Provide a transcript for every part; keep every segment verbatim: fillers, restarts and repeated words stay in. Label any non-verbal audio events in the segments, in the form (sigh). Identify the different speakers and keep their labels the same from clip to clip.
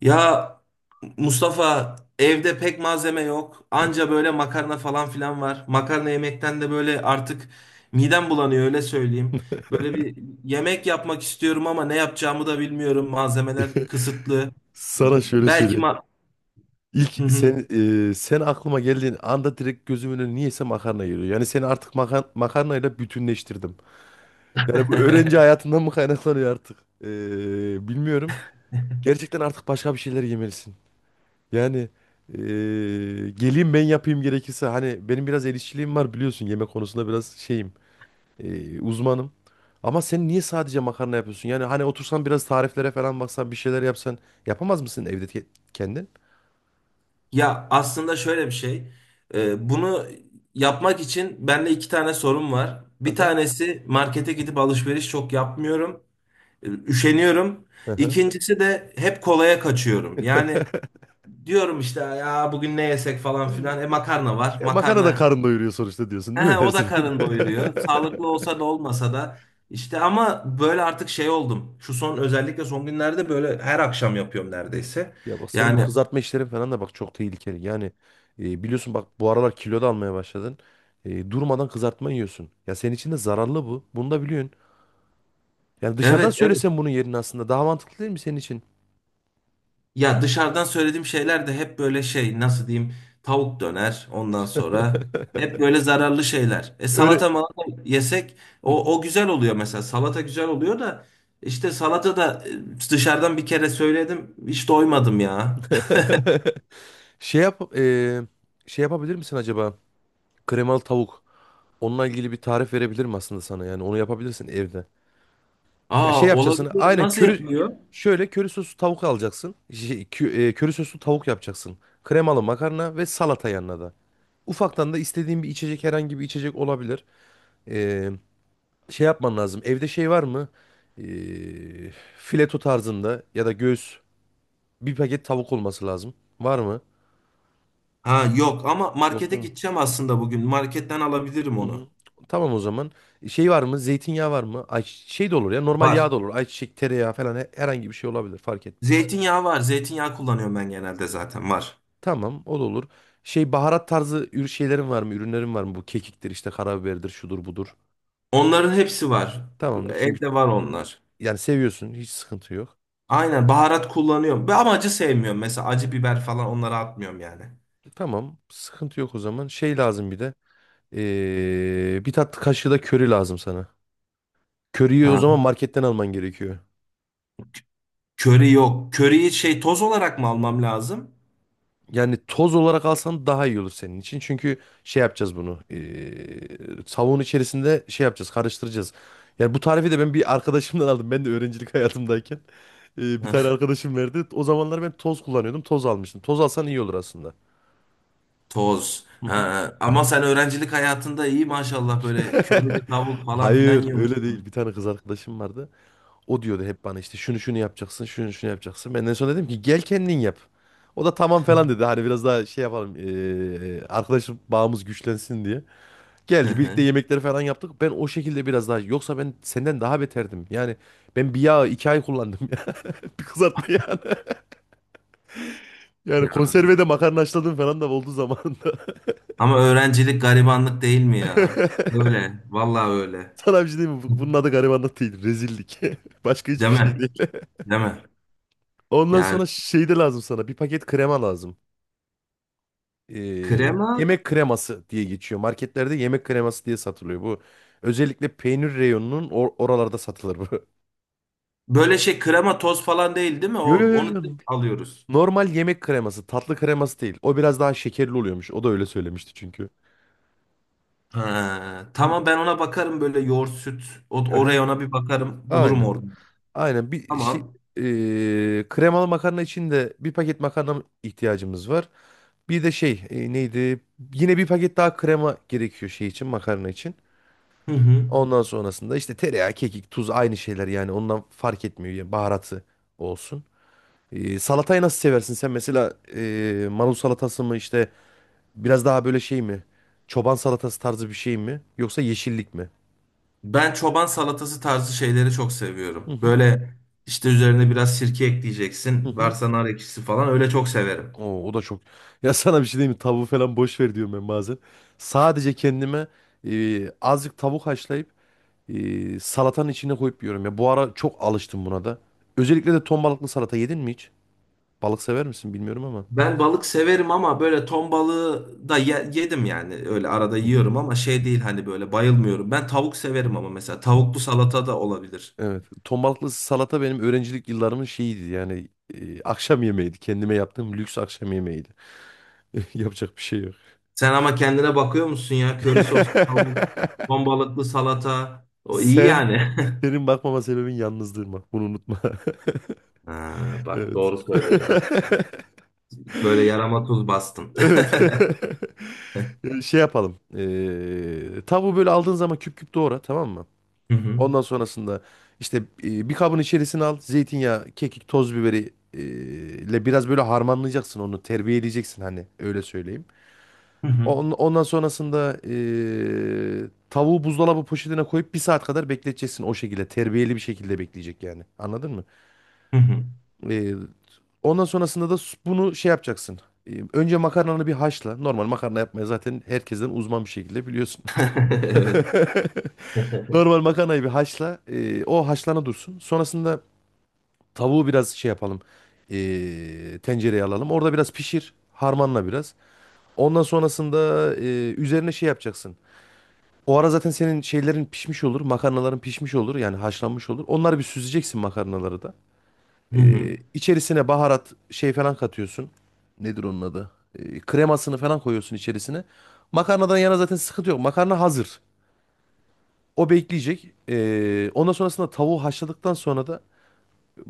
Speaker 1: Ya Mustafa, evde pek malzeme yok. Anca böyle makarna falan filan var. Makarna yemekten de böyle artık midem bulanıyor, öyle söyleyeyim. Böyle bir yemek yapmak istiyorum ama ne yapacağımı da bilmiyorum. Malzemeler kısıtlı.
Speaker 2: Sana şöyle
Speaker 1: Belki
Speaker 2: söyleyeyim.
Speaker 1: ma Hı
Speaker 2: İlk
Speaker 1: hı.
Speaker 2: sen e, sen aklıma geldiğin anda direkt gözümün önüne niyeyse makarna geliyor. Yani seni artık makarna makarnayla bütünleştirdim. Yani bu öğrenci
Speaker 1: (laughs)
Speaker 2: hayatından mı kaynaklanıyor artık? E, bilmiyorum. Gerçekten artık başka bir şeyler yemelisin. Yani e, geleyim ben yapayım gerekirse. Hani benim biraz el işçiliğim var biliyorsun. Yemek konusunda biraz şeyim. e, uzmanım. Ama sen niye sadece makarna yapıyorsun? Yani hani otursan biraz tariflere falan baksan bir şeyler yapsan yapamaz mısın evde ke- kendin?
Speaker 1: Ya aslında şöyle bir şey. Ee, bunu yapmak için bende iki tane sorun var. Bir tanesi markete gidip alışveriş çok yapmıyorum. Üşeniyorum.
Speaker 2: Hı hı.
Speaker 1: İkincisi de hep kolaya kaçıyorum. Yani
Speaker 2: (laughs)
Speaker 1: diyorum işte ya bugün ne yesek falan filan. E makarna var.
Speaker 2: E, Makarna da
Speaker 1: Makarna
Speaker 2: karın doyuruyor sonuçta diyorsun değil
Speaker 1: Ehe,
Speaker 2: mi her
Speaker 1: o da karın
Speaker 2: seferinde?
Speaker 1: doyuruyor. Sağlıklı
Speaker 2: (laughs)
Speaker 1: olsa da olmasa da işte, ama böyle artık şey oldum. Şu son, özellikle son günlerde böyle her akşam yapıyorum neredeyse.
Speaker 2: Ya bak senin bu
Speaker 1: Yani
Speaker 2: kızartma işlerin falan da bak çok tehlikeli. Yani e, biliyorsun bak bu aralar kilo da almaya başladın. E, durmadan kızartma yiyorsun. Ya senin için de zararlı bu. Bunu da biliyorsun. Yani dışarıdan
Speaker 1: evet, evet.
Speaker 2: söylesen bunun yerini aslında daha mantıklı değil mi senin için?
Speaker 1: Ya dışarıdan söylediğim şeyler de hep böyle şey, nasıl diyeyim, tavuk döner, ondan sonra
Speaker 2: (laughs)
Speaker 1: hep böyle zararlı şeyler. E
Speaker 2: Öyle.
Speaker 1: salata malata yesek
Speaker 2: Hı hı.
Speaker 1: o, o güzel oluyor, mesela salata güzel oluyor da işte salata da e, dışarıdan bir kere söyledim, hiç doymadım ya.
Speaker 2: (laughs) Şey yap e, Şey yapabilir misin acaba? Kremalı tavuk. Onunla ilgili bir tarif verebilir mi aslında sana? Yani onu yapabilirsin evde.
Speaker 1: (laughs)
Speaker 2: Ya şey
Speaker 1: Aa,
Speaker 2: yapacaksın.
Speaker 1: olabilir,
Speaker 2: Aynen
Speaker 1: nasıl
Speaker 2: köri
Speaker 1: yapılıyor?
Speaker 2: şöyle köri soslu tavuk alacaksın. Şey, kö- e, köri soslu tavuk yapacaksın. Kremalı makarna ve salata yanına da. Ufaktan da istediğin bir içecek herhangi bir içecek olabilir. Ee, Şey yapman lazım. Evde şey var mı? Ee, Fileto tarzında ya da göğüs bir paket tavuk olması lazım. Var mı?
Speaker 1: Ha yok, ama
Speaker 2: Yoksa.
Speaker 1: markete
Speaker 2: Hı.
Speaker 1: gideceğim aslında bugün, marketten alabilirim
Speaker 2: Hı hı.
Speaker 1: onu.
Speaker 2: Tamam o zaman. E, Şey var mı? Zeytinyağı var mı? Ay, şey de olur ya. Normal yağ
Speaker 1: Var.
Speaker 2: da olur. Ayçiçek, tereyağı falan he- herhangi bir şey olabilir. Fark etmez.
Speaker 1: Zeytinyağı var. Zeytinyağı kullanıyorum ben genelde, zaten var.
Speaker 2: Tamam o da olur. Şey baharat tarzı ür şeylerin var mı? Ürünlerin var mı? Bu kekiktir işte karabiberdir şudur budur.
Speaker 1: Onların hepsi var.
Speaker 2: Tamamdır. Çünkü
Speaker 1: Evde var onlar.
Speaker 2: yani seviyorsun hiç sıkıntı yok.
Speaker 1: Aynen, baharat kullanıyorum. Ve ama acı sevmiyorum. Mesela acı biber falan, onları atmıyorum yani.
Speaker 2: Tamam sıkıntı yok o zaman. Şey lazım bir de. ee, bir tatlı kaşığı da köri lazım sana. Köriyi o
Speaker 1: Ha,
Speaker 2: zaman marketten alman gerekiyor.
Speaker 1: köri yok. Köriyi şey, toz olarak mı almam lazım?
Speaker 2: Yani toz olarak alsan daha iyi olur senin için. Çünkü şey yapacağız bunu. ee, savun içerisinde şey yapacağız karıştıracağız. Yani bu tarifi de ben bir arkadaşımdan aldım. Ben de öğrencilik (laughs) hayatımdayken. Ee, bir tane
Speaker 1: Hah,
Speaker 2: arkadaşım verdi. O zamanlar ben toz kullanıyordum. Toz almıştım. Toz alsan iyi olur aslında.
Speaker 1: toz.
Speaker 2: Hı hı.
Speaker 1: Ha, ama sen öğrencilik hayatında iyi maşallah böyle
Speaker 2: (laughs)
Speaker 1: körili tavuk falan filan
Speaker 2: Hayır öyle değil. Bir
Speaker 1: yiyormuşsun.
Speaker 2: tane kız arkadaşım vardı. O diyordu hep bana işte şunu şunu yapacaksın, şunu şunu yapacaksın. Ben en son dedim ki gel kendin yap. O da tamam falan dedi. Hani biraz daha şey yapalım. eee arkadaşım bağımız güçlensin diye.
Speaker 1: Hı
Speaker 2: Geldi
Speaker 1: hı.
Speaker 2: birlikte yemekleri falan yaptık. Ben o şekilde biraz daha. Yoksa ben senden daha beterdim. Yani ben bir yağı iki ay kullandım. (laughs) Yani bir kızartma yani. Yani
Speaker 1: Ya.
Speaker 2: konserve de makarna haşladım falan da oldu zamanında.
Speaker 1: Ama öğrencilik garibanlık değil mi ya? Öyle. Vallahi öyle.
Speaker 2: Sana bir şey diyeyim mi? Bu- Bunun adı garibanlık değil. Rezillik. (laughs) Başka hiçbir
Speaker 1: Değil
Speaker 2: şey
Speaker 1: mi?
Speaker 2: değil.
Speaker 1: Değil mi?
Speaker 2: Ondan
Speaker 1: Yani
Speaker 2: sonra şey de lazım sana. Bir paket krema lazım. Ee,
Speaker 1: krema
Speaker 2: yemek kreması diye geçiyor. Marketlerde yemek kreması diye satılıyor. Bu özellikle peynir reyonunun or- oralarda satılır bu. (laughs)
Speaker 1: böyle şey, krema toz falan değil, değil mi?
Speaker 2: Yo, yo,
Speaker 1: O,
Speaker 2: yo. Yo.
Speaker 1: onu direkt alıyoruz.
Speaker 2: Normal yemek kreması. Tatlı kreması değil. O biraz daha şekerli oluyormuş. O da öyle söylemişti çünkü.
Speaker 1: Ha,
Speaker 2: Hı
Speaker 1: tamam,
Speaker 2: hı.
Speaker 1: ben ona bakarım, böyle yoğurt süt. O,
Speaker 2: Aha,
Speaker 1: oraya, ona bir bakarım. Bulurum
Speaker 2: aynen.
Speaker 1: orada.
Speaker 2: Aynen. Bir şey,
Speaker 1: Tamam.
Speaker 2: ee, kremalı makarna için de bir paket makarna ihtiyacımız var. Bir de şey e, neydi? Yine bir paket daha krema gerekiyor şey için makarna için.
Speaker 1: Hı hı.
Speaker 2: Ondan sonrasında işte tereyağı, kekik, tuz aynı şeyler yani ondan fark etmiyor yani baharatı olsun. E, salatayı nasıl seversin sen mesela e, marul salatası mı işte biraz daha böyle şey mi? Çoban salatası tarzı bir şey mi? Yoksa yeşillik mi?
Speaker 1: Ben çoban salatası tarzı şeyleri çok
Speaker 2: Hı
Speaker 1: seviyorum.
Speaker 2: hı.
Speaker 1: Böyle işte üzerine biraz sirke
Speaker 2: Hı
Speaker 1: ekleyeceksin.
Speaker 2: hı.
Speaker 1: Varsa nar ekşisi falan, öyle çok severim.
Speaker 2: Oo, o da çok. (laughs) Ya sana bir şey diyeyim mi? Tavuğu falan boş ver diyorum ben bazen. Sadece kendime e, azıcık tavuk haşlayıp e, salatanın içine koyup yiyorum ya. Bu ara çok alıştım buna da. Özellikle de ton balıklı salata yedin mi hiç? Balık sever misin bilmiyorum ama.
Speaker 1: Ben balık severim ama böyle ton balığı da ye- yedim yani. Öyle arada
Speaker 2: Hı hı.
Speaker 1: yiyorum ama şey değil, hani böyle bayılmıyorum. Ben tavuk severim, ama mesela tavuklu salata da olabilir.
Speaker 2: Evet. Ton balıklı salata benim öğrencilik yıllarımın şeyiydi yani e, akşam yemeğiydi. Kendime yaptığım lüks akşam yemeğiydi. (laughs) Yapacak bir şey yok.
Speaker 1: Sen ama kendine bakıyor musun ya? Köri soslu tavuk,
Speaker 2: (laughs)
Speaker 1: ton balıklı salata. O iyi
Speaker 2: Sen
Speaker 1: yani. (laughs)
Speaker 2: senin bakmama sebebin yalnızlığın bak. Bunu unutma. (laughs)
Speaker 1: Ha, bak,
Speaker 2: Evet.
Speaker 1: doğru söyledin ha.
Speaker 2: (laughs)
Speaker 1: Böyle yarama tuz bastın.
Speaker 2: Evet. (laughs) Şey yapalım. Ee, tavuğu böyle aldığın zaman küp küp doğra tamam mı?
Speaker 1: (laughs) Hı hı.
Speaker 2: Ondan sonrasında işte e, bir kabın içerisine al. Zeytinyağı, kekik, toz biberi e, ile biraz böyle harmanlayacaksın onu. Terbiye edeceksin hani öyle söyleyeyim.
Speaker 1: Hı hı.
Speaker 2: On- Ondan sonrasında e, tavuğu buzdolabı poşetine koyup bir saat kadar bekleteceksin o şekilde. Terbiyeli bir şekilde bekleyecek yani. Anladın mı?
Speaker 1: Hı hı.
Speaker 2: E, Ondan sonrasında da s- bunu şey yapacaksın. E, Önce makarnanı bir haşla. Normal makarna yapmaya zaten herkesten uzman bir şekilde biliyorsun.
Speaker 1: (laughs) Evet.
Speaker 2: (laughs)
Speaker 1: (laughs)
Speaker 2: Normal makarnayı bir haşla. E, o haşlana dursun. Sonrasında tavuğu biraz şey yapalım. Eee tencereye alalım. Orada biraz pişir. Harmanla biraz. Ondan sonrasında eee, üzerine şey yapacaksın. O ara zaten senin şeylerin pişmiş olur. Makarnaların pişmiş olur. Yani haşlanmış olur. Onları bir süzeceksin makarnaları da.
Speaker 1: Hı hı.
Speaker 2: Eee içerisine baharat şey falan katıyorsun. Nedir onun adı? Eee, kremasını falan koyuyorsun içerisine. Makarnadan yana zaten sıkıntı yok. Makarna hazır. O bekleyecek. Eee ondan sonrasında tavuğu haşladıktan sonra da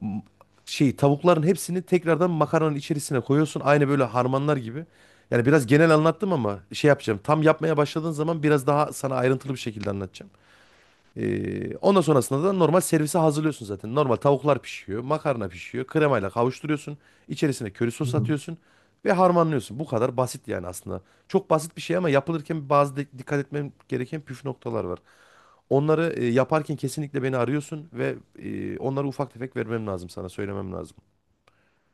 Speaker 2: m- şey tavukların hepsini tekrardan makarnanın içerisine koyuyorsun. Aynı böyle harmanlar gibi. Yani biraz genel anlattım ama şey yapacağım. Tam yapmaya başladığın zaman biraz daha sana ayrıntılı bir şekilde anlatacağım. Ee, ondan sonrasında da normal servise hazırlıyorsun zaten. Normal tavuklar pişiyor, makarna pişiyor, kremayla kavuşturuyorsun. İçerisine köri sos atıyorsun ve harmanlıyorsun. Bu kadar basit yani aslında. Çok basit bir şey ama yapılırken bazı de- dikkat etmem gereken püf noktalar var. Onları e, yaparken kesinlikle beni arıyorsun ve e, onlara ufak tefek vermem lazım sana, söylemem lazım.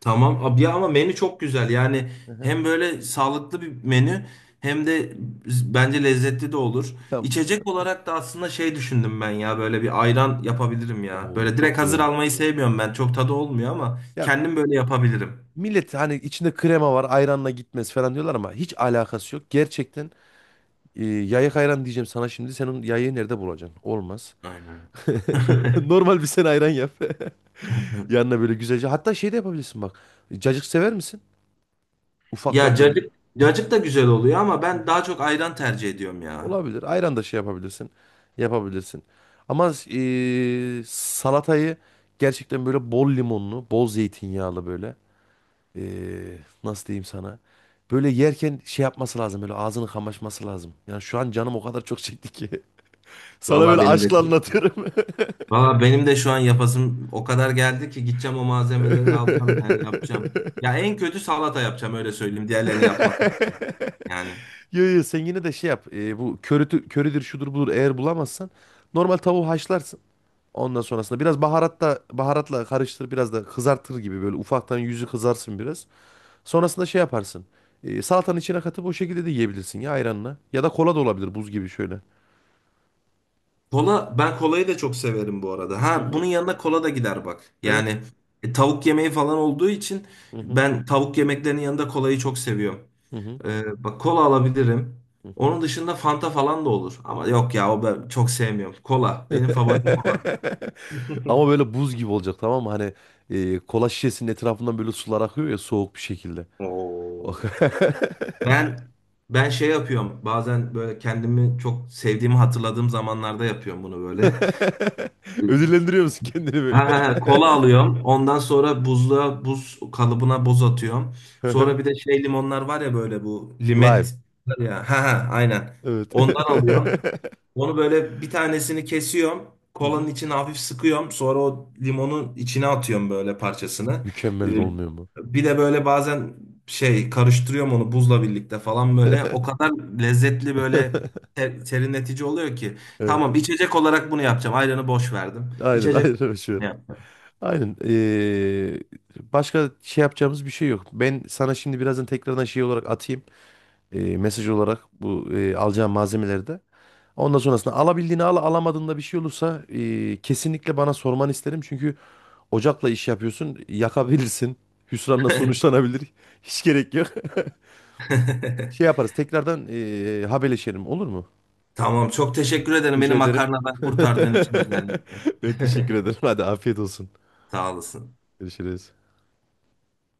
Speaker 1: Tamam abi ya, ama menü çok güzel. Yani
Speaker 2: Hı hı.
Speaker 1: hem böyle sağlıklı bir menü hem de bence lezzetli de olur.
Speaker 2: Ya,
Speaker 1: İçecek olarak da aslında şey düşündüm ben, ya böyle bir ayran yapabilirim ya.
Speaker 2: oo,
Speaker 1: Böyle
Speaker 2: çok
Speaker 1: direkt
Speaker 2: güzel
Speaker 1: hazır
Speaker 2: olur.
Speaker 1: almayı sevmiyorum ben. Çok tadı olmuyor, ama
Speaker 2: Ya
Speaker 1: kendim böyle yapabilirim.
Speaker 2: millet hani içinde krema var, ayranla gitmez falan diyorlar ama hiç alakası yok. Gerçekten e, yayık ayran diyeceğim sana şimdi. Sen onun yayığı nerede bulacaksın? Olmaz.
Speaker 1: Aynen.
Speaker 2: (laughs)
Speaker 1: (laughs)
Speaker 2: Normal bir sen ayran yap. (laughs) Yanına böyle güzelce. Hatta şey de yapabilirsin bak. Cacık sever misin?
Speaker 1: Ya
Speaker 2: Ufaktan böyle.
Speaker 1: cacık, cacık da güzel oluyor ama ben daha çok ayran tercih ediyorum ya.
Speaker 2: Olabilir. Ayran da şey yapabilirsin. Yapabilirsin. Ama eee, salatayı gerçekten böyle bol limonlu, bol zeytinyağlı böyle. eee, nasıl diyeyim sana? Böyle yerken şey yapması lazım. Böyle ağzını kamaşması lazım. Yani şu an canım o kadar çok çekti ki. (laughs) Sana
Speaker 1: Vallahi
Speaker 2: böyle
Speaker 1: benim de.
Speaker 2: aşkla anlatıyorum. (laughs)
Speaker 1: Valla benim de şu an yapasım o kadar geldi ki, gideceğim, o malzemeleri alacağım, yani yapacağım. Ya en kötü salata yapacağım, öyle söyleyeyim. Diğerlerini yapmasam bile. Yani
Speaker 2: Yo, yo, sen yine de şey yap. Eee, bu körütü, körüdür şudur budur eğer bulamazsan normal tavuğu haşlarsın. Ondan sonrasında biraz baharatta baharatla karıştır biraz da kızartır gibi böyle ufaktan yüzü kızarsın biraz. Sonrasında şey yaparsın. E, salatanın içine katıp o şekilde de yiyebilirsin ya ayranla. Ya da kola da olabilir buz gibi şöyle.
Speaker 1: kola, ben kolayı da çok severim bu arada.
Speaker 2: Hı
Speaker 1: Ha bunun
Speaker 2: hı.
Speaker 1: yanına kola da gider bak.
Speaker 2: Evet.
Speaker 1: Yani e, tavuk yemeği falan olduğu için
Speaker 2: Hı hı.
Speaker 1: ben tavuk yemeklerinin yanında kolayı çok seviyorum.
Speaker 2: Hı hı.
Speaker 1: Ee, bak, kola alabilirim.
Speaker 2: Hı hı.
Speaker 1: Onun dışında Fanta falan da olur. Ama yok ya, o ben çok sevmiyorum. Kola benim favorim, kola.
Speaker 2: (laughs) Ama böyle buz gibi olacak tamam mı? Hani e, kola şişesinin etrafından böyle sular akıyor ya soğuk bir şekilde.
Speaker 1: (laughs)
Speaker 2: Oh.
Speaker 1: Oo.
Speaker 2: (laughs)
Speaker 1: Ben ben şey yapıyorum. Bazen böyle kendimi çok sevdiğimi hatırladığım zamanlarda yapıyorum bunu böyle.
Speaker 2: Ödüllendiriyor musun kendini
Speaker 1: Ha,
Speaker 2: böyle?
Speaker 1: ha, ha, kola alıyorum. Ondan sonra buzluğa, buz kalıbına buz atıyorum. Sonra
Speaker 2: (laughs)
Speaker 1: bir de şey, limonlar var ya böyle, bu
Speaker 2: Lime.
Speaker 1: limet var ya. Ha, ha, aynen.
Speaker 2: Evet.
Speaker 1: Ondan
Speaker 2: (laughs)
Speaker 1: alıyorum. Onu böyle, bir tanesini kesiyorum.
Speaker 2: Hı
Speaker 1: Kolanın
Speaker 2: hı.
Speaker 1: içine hafif sıkıyorum. Sonra o limonun içine atıyorum böyle parçasını. Ee,
Speaker 2: Mükemmel de olmuyor mu?
Speaker 1: Bir de böyle bazen şey, karıştırıyorum onu buzla birlikte falan böyle. O kadar lezzetli böyle,
Speaker 2: (laughs)
Speaker 1: ter- serinletici oluyor ki.
Speaker 2: Evet.
Speaker 1: Tamam, içecek olarak bunu yapacağım. Ayranı boş verdim.
Speaker 2: Aynen,
Speaker 1: İçecek olarak
Speaker 2: aynen öyle şey var.
Speaker 1: bunu yapacağım.
Speaker 2: Aynen. eee, başka şey yapacağımız bir şey yok. Ben sana şimdi birazdan tekrardan şey olarak atayım. eee, mesaj olarak bu eee, alacağım malzemeleri de. Ondan sonrasında alabildiğini al, alamadığında bir şey olursa eee, kesinlikle bana sormanı isterim. Çünkü ocakla iş yapıyorsun, yakabilirsin. Hüsranla sonuçlanabilir. (laughs) Hiç gerek yok. Şey
Speaker 1: (laughs)
Speaker 2: yaparız, tekrardan eee haberleşelim olur mu?
Speaker 1: Tamam, çok teşekkür ederim
Speaker 2: Rica
Speaker 1: beni
Speaker 2: ederim.
Speaker 1: makarnadan kurtardığın için özellikle.
Speaker 2: (laughs) Ben teşekkür ederim. Hadi afiyet olsun.
Speaker 1: (laughs) Sağ olasın.
Speaker 2: Görüşürüz.